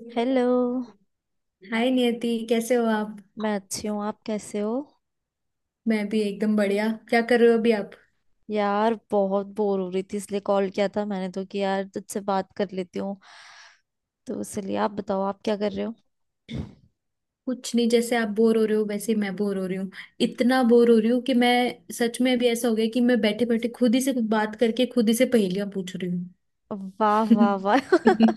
हाय। Hello. Niyati कैसे हो आप? मैं अच्छी हूँ। आप कैसे हो? मैं भी एकदम बढ़िया। क्या कर रहे हो अभी आप? यार बहुत बोर हो रही थी इसलिए कॉल किया था मैंने तो कि यार तुझसे बात कर लेती हूँ। तो इसलिए आप बताओ, आप क्या कर रहे हो? कुछ नहीं, जैसे आप बोर हो रहे हो वैसे ही मैं बोर हो रही हूँ। इतना बोर हो रही हूँ कि मैं सच में अभी ऐसा हो गया कि मैं बैठे बैठे खुद ही से कुछ बात करके खुद ही से पहेलियां पूछ रही वाह वाह हूँ। वाह।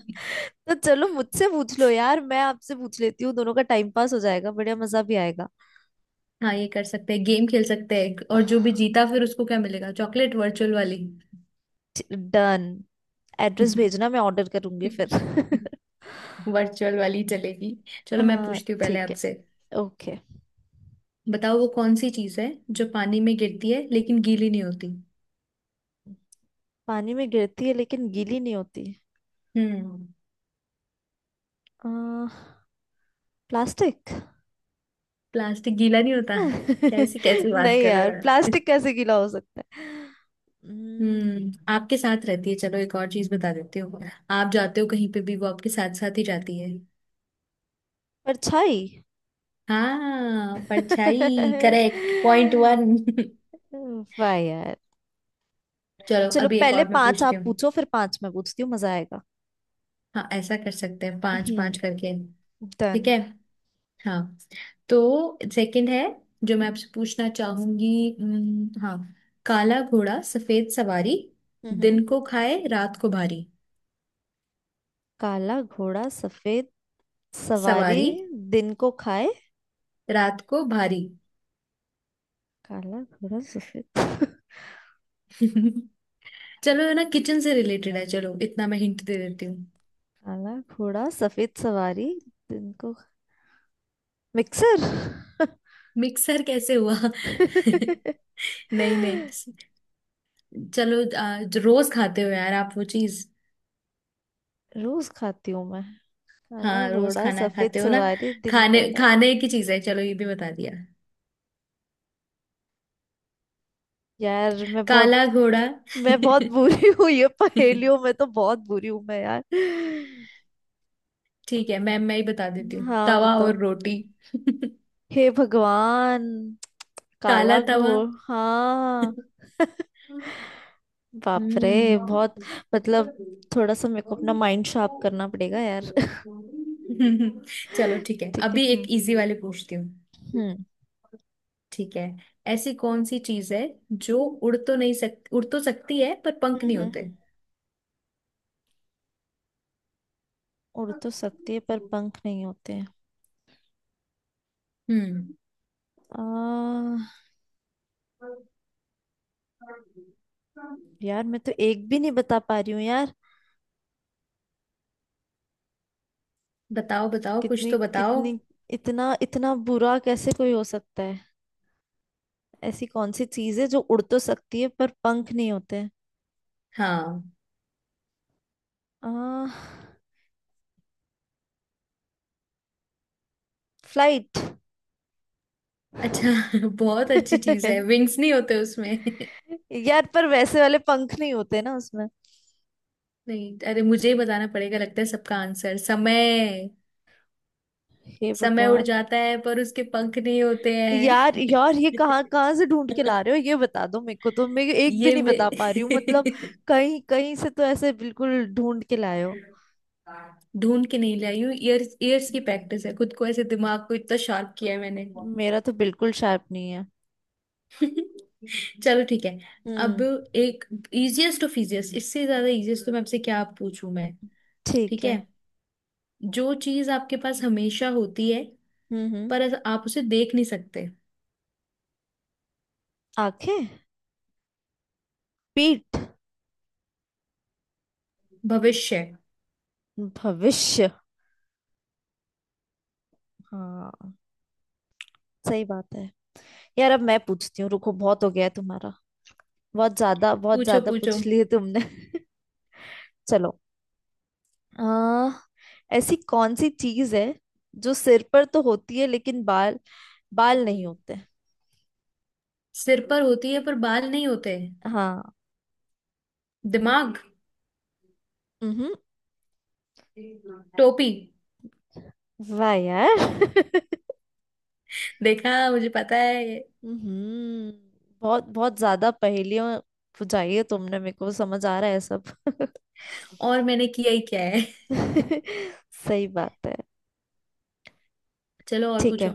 तो चलो मुझसे पूछ लो यार, मैं आपसे पूछ लेती हूँ, दोनों का टाइम पास हो जाएगा, बढ़िया मजा भी आएगा। हाँ, ये कर सकते हैं, गेम खेल सकते हैं, और जो भी जीता फिर उसको क्या मिलेगा? चॉकलेट, वर्चुअल वाली। डन। एड्रेस भेजना, मैं ऑर्डर करूंगी फिर। वर्चुअल वाली चलेगी। चलो मैं हाँ। पूछती हूँ पहले ठीक है। आपसे। ओके। बताओ वो कौन सी चीज़ है जो पानी में गिरती है लेकिन गीली नहीं होती? पानी में गिरती है लेकिन गीली नहीं होती। हम्म। आ, प्लास्टिक। प्लास्टिक गीला नहीं होता? कैसी कैसी बात नहीं कर रहे हो यार, यार। प्लास्टिक कैसे गीला हो सकता है? हम्म, आपके साथ रहती है। चलो एक और चीज बता देती हूँ। आप जाते हो कहीं पे भी वो आपके साथ साथ ही जाती है। परछाई। हाँ, परछाई करेक्ट, पॉइंट वन। वाह यार। चलो चलो अभी एक पहले और मैं पांच पूछती आप हूँ। पूछो फिर पांच मैं पूछती हूँ, मजा आएगा। हाँ, ऐसा कर सकते हैं, पांच हम्म। पांच करके। ठीक डन। है। हाँ, तो सेकंड है जो मैं आपसे पूछना चाहूंगी। हाँ। काला घोड़ा सफेद सवारी, हम्म। दिन को खाए रात को भारी। काला घोड़ा सफेद सवारी। सवारी। दिन को खाए। रात को भारी। काला घोड़ा सफेद। चलो ये ना किचन से रिलेटेड है, चलो इतना मैं हिंट दे देती हूँ। काला घोड़ा सफेद सवारी दिन को। मिक्सर। मिक्सर कैसे हुआ? नहीं नहीं। चलो जो रोज खाते हो यार आप, वो चीज। रोज खाती हूँ मैं? काला हाँ, रोज घोड़ा खाना सफेद खाते हो ना। सवारी दिन खाने को का। खाने की चीज है, चलो ये भी बता दिया। यार मैं बहुत काला घोड़ा। मैं बहुत बुरी हूँ, ये पहेलियों में तो बहुत बुरी हूँ मैं यार। ठीक है मैं ही बता देती हूँ, हाँ तवा बताओ। और रोटी। हे भगवान। काला काला तवा। घोड़, हाँ। बाप रे, हम्म। बहुत। मतलब, थोड़ा सा मेरे को अपना माइंड शार्प करना पड़ेगा यार। चलो ठीक है, ठीक है। अभी एक हम्म। इजी वाले पूछती हूँ। हम्म। ठीक है। ऐसी कौन सी चीज है जो उड़ तो नहीं सकती, उड़ तो सकती है पर पंख हम्म नहीं हम्म। होते? उड़ तो सकती है पर पंख नहीं होते हैं। हम्म। आ, यार मैं तो एक भी नहीं बता पा रही हूँ यार। बताओ बताओ, कुछ कितनी तो बताओ। कितनी, इतना इतना बुरा कैसे कोई हो सकता है? ऐसी कौन सी चीज है जो उड़ तो सकती है पर पंख नहीं होते हैं? हाँ। आ, फ्लाइट। अच्छा। बहुत अच्छी चीज है, विंग्स नहीं होते उसमें। यार पर वैसे वाले पंख नहीं होते ना उसमें। नहीं अरे, मुझे ही बताना पड़ेगा लगता है सबका आंसर। समय। हे समय उड़ भगवान। जाता है पर उसके पंख नहीं होते हैं। यार यार, ये कहाँ कहाँ से ढूंढ के ला रहे हो, ये बता दो मेरे को, तो मैं एक भी ये नहीं मैं। बता पा रही हूँ मतलब। कहीं कहीं से तो ऐसे बिल्कुल ढूंढ के लाए हो। ढूंढ के नहीं लाई हूँ, ईयर्स ईयर्स की प्रैक्टिस है, खुद को ऐसे दिमाग को इतना शार्प किया है मैंने। मेरा तो बिल्कुल शार्प नहीं है। चलो ठीक है। अब हम्म। एक इजिएस्ट ऑफ इजिएस्ट, इससे ज्यादा इजिएस्ट तो मैं आपसे क्या पूछूं मैं। ठीक ठीक है। है। जो चीज आपके पास हमेशा होती है हम्म। हम्म। पर आप उसे देख नहीं सकते? आंखें। पीठ। भविष्य। भविष्य। हाँ, सही बात है। यार अब मैं पूछती हूँ, रुको, बहुत हो गया है तुम्हारा। बहुत पूछो ज्यादा पूछो। पूछ लिए तुमने। चलो। आ, ऐसी कौन सी चीज है जो सिर पर तो होती है लेकिन बाल, बाल नहीं होते? सिर पर होती है पर बाल नहीं होते? हाँ। दिमाग। हम्म। टोपी। वाह यार। देखा, मुझे पता है। हम्म। बहुत बहुत ज्यादा पहेलियां बुझाई है तुमने मेरे को, समझ आ रहा है सब। और मैंने किया ही क्या है। सही बात है। चलो और ठीक है। पूछो।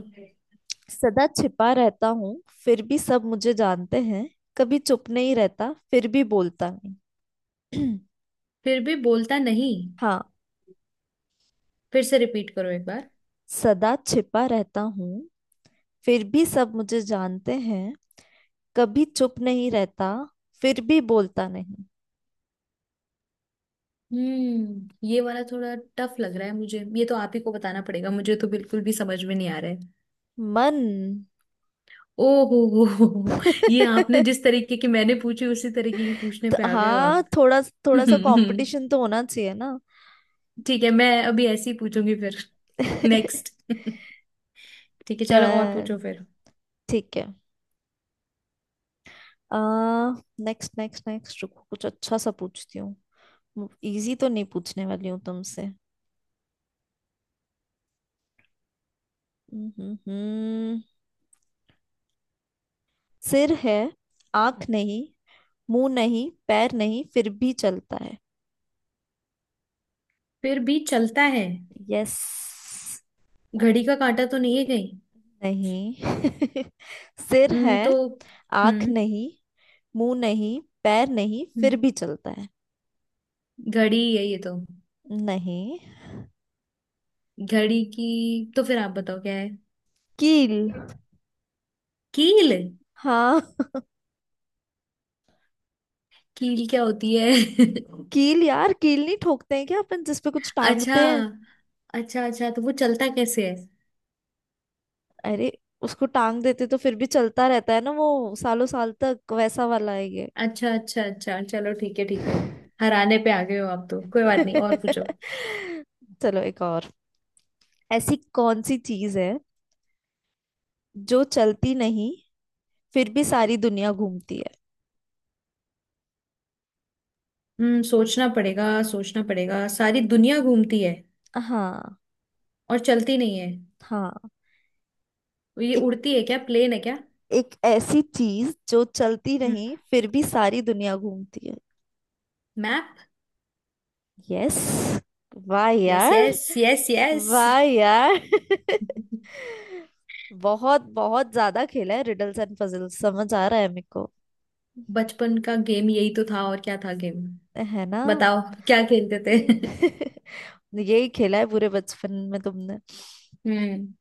सदा छिपा रहता हूँ फिर भी सब मुझे जानते हैं। कभी चुप नहीं रहता फिर भी बोलता नहीं। फिर भी बोलता नहीं? हाँ। फिर से रिपीट करो एक बार। सदा छिपा रहता हूँ फिर भी सब मुझे जानते हैं। कभी चुप नहीं रहता फिर भी बोलता नहीं। हम्म, ये वाला थोड़ा टफ लग रहा है मुझे, ये तो आप ही को बताना पड़ेगा, मुझे तो बिल्कुल भी समझ में नहीं आ रहा है। मन। ओ हो, हो। ये आपने जिस तरीके की मैंने पूछी उसी तरीके की पूछने पे तो आ गए हो हाँ, आप। थोड़ा, थोड़ा सा कंपटीशन तो होना चाहिए ना। ठीक है मैं अभी ऐसे ही पूछूंगी फिर। नेक्स्ट। ठीक है चलो और पूछो डन। फिर। ठीक है। आ, नेक्स्ट नेक्स्ट नेक्स्ट, रुको कुछ अच्छा सा पूछती हूँ। इजी तो नहीं पूछने वाली हूँ तुमसे। हम्म। हम्म, सिर है, आंख नहीं, मुंह नहीं, पैर नहीं, फिर भी चलता है। फिर भी चलता है? यस। घड़ी का कांटा तो नहीं है कहीं? नहीं। सिर है, तो। आंख हम्म। नहीं, मुंह नहीं, पैर नहीं, फिर हम्म, भी चलता है। घड़ी है ये तो। नहीं। घड़ी की तो फिर आप बताओ क्या है? कील। कील? हाँ। कील क्या होती है? कील यार, कील नहीं ठोकते हैं क्या अपन जिसपे कुछ अच्छा। टांगते हैं? अच्छा अच्छा, तो वो चलता कैसे है? अरे उसको टांग देते तो फिर भी चलता रहता है ना वो सालों साल तक, वैसा वाला है। अच्छा अच्छा अच्छा, चलो ठीक है ठीक ये। है। हराने पे आ गए हो आप तो, कोई बात नहीं, और पूछो। चलो एक और। ऐसी कौन सी चीज है जो चलती नहीं फिर भी सारी दुनिया घूमती है? सोचना पड़ेगा, सोचना पड़ेगा, सारी दुनिया घूमती है हाँ। और चलती नहीं है? हाँ। ये एक, उड़ती है क्या, प्लेन है क्या? एक ऐसी चीज जो चलती नहीं फिर भी सारी दुनिया घूमती है। मैप। यस। वाह यस यार। Yes yes yes. वाह यार। बहुत बहुत ज्यादा खेला है रिडल्स एंड पजल्स, समझ आ रहा है मेरे को। बचपन का गेम यही तो था, और क्या था गेम? है ना। बताओ, क्या खेलते थे? यही खेला है पूरे बचपन में तुमने। हम्म।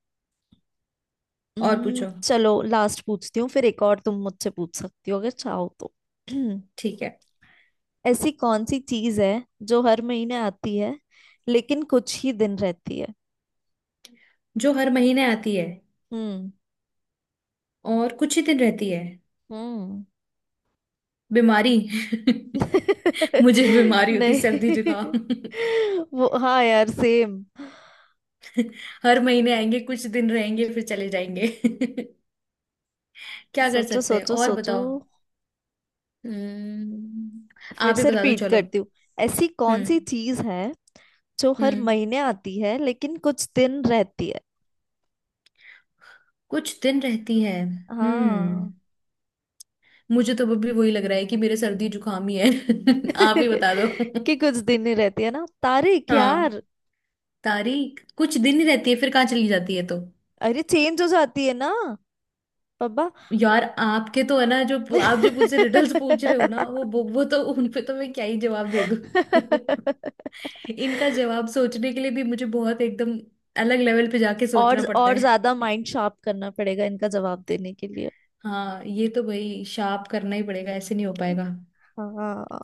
और पूछो। चलो लास्ट पूछती हूँ फिर, एक और तुम मुझसे पूछ सकती हो अगर चाहो तो। ठीक है। ऐसी कौन सी चीज है जो हर महीने आती है लेकिन कुछ ही दिन रहती है? जो हर महीने आती है हम्म। और कुछ ही दिन रहती है? हम्म। बीमारी। मुझे बीमारी होती, सर्दी नहीं। जुकाम। वो हाँ यार, सेम। हर महीने आएंगे, कुछ दिन रहेंगे, फिर चले जाएंगे। क्या कर सोचो सकते हैं, सोचो और सोचो। बताओ। हम्म। फिर आप ही से बता दो रिपीट चलो। करती हूँ। ऐसी कौन हम्म। सी चीज है जो हर हम्म, महीने आती है लेकिन कुछ दिन रहती है? कुछ दिन रहती है हाँ। हम्म। मुझे तो अभी वही लग रहा है कि मेरे सर्दी जुकाम ही है, आप ही बता दो। कि कुछ दिन ही रहती है ना, तारीख यार। हाँ। तारीख कुछ दिन ही रहती है, फिर कहाँ चली जाती है तो? अरे चेंज हो जाती है ना। पापा। यार आपके तो है ना, जो आप जो मुझसे रिडल्स पूछ रहे हो ना, वो वो वो तो उन पे तो मैं क्या ही जवाब दे दूँ। इनका जवाब सोचने के लिए भी मुझे बहुत एकदम अलग लेवल पे जाके सोचना पड़ता और ज्यादा है। माइंड शार्प करना पड़ेगा इनका जवाब देने के लिए। हाँ, ये तो भाई शार्प करना ही पड़ेगा, ऐसे नहीं हो पाएगा। हाँ।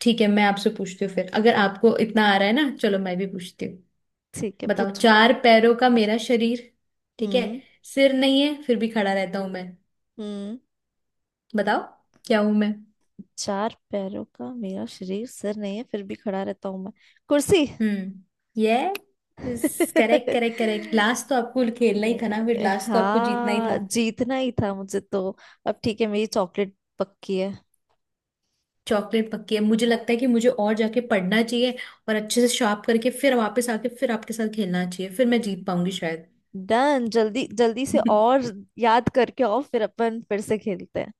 ठीक है मैं आपसे पूछती हूँ फिर, अगर आपको इतना आ रहा है ना, चलो मैं भी पूछती हूँ। ठीक है बताओ, पूछो। चार पैरों का मेरा शरीर, ठीक है, हम्म। सिर नहीं है फिर भी खड़ा रहता हूं मैं। हम्म। बताओ क्या हूं मैं? चार पैरों का मेरा शरीर, सिर नहीं है फिर भी खड़ा रहता हूं मैं। कुर्सी। हम्म। ये करेक्ट करेक्ट करेक्ट, लास्ट तो आपको खेलना ही था ना, फिर लास्ट तो आपको जीतना ही हाँ था। जीतना ही था मुझे तो। अब ठीक है, मेरी चॉकलेट पक्की है। चॉकलेट पक्की है। मुझे लगता है कि मुझे और जाके पढ़ना चाहिए, और अच्छे से शार्प करके फिर वापस आके फिर आपके साथ खेलना चाहिए, फिर मैं जीत पाऊंगी शायद। डन, जल्दी जल्दी से और याद करके, और फिर अपन फिर से खेलते हैं।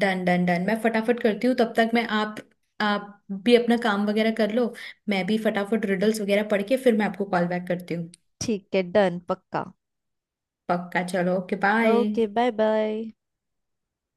डन डन डन, मैं फटाफट करती हूँ, तब तक मैं आप भी अपना काम वगैरह कर लो। मैं भी फटाफट रिडल्स वगैरह पढ़ के फिर मैं आपको कॉल बैक करती हूँ। ठीक है। डन पक्का। पक्का चलो, okay bye. Okay, bye bye.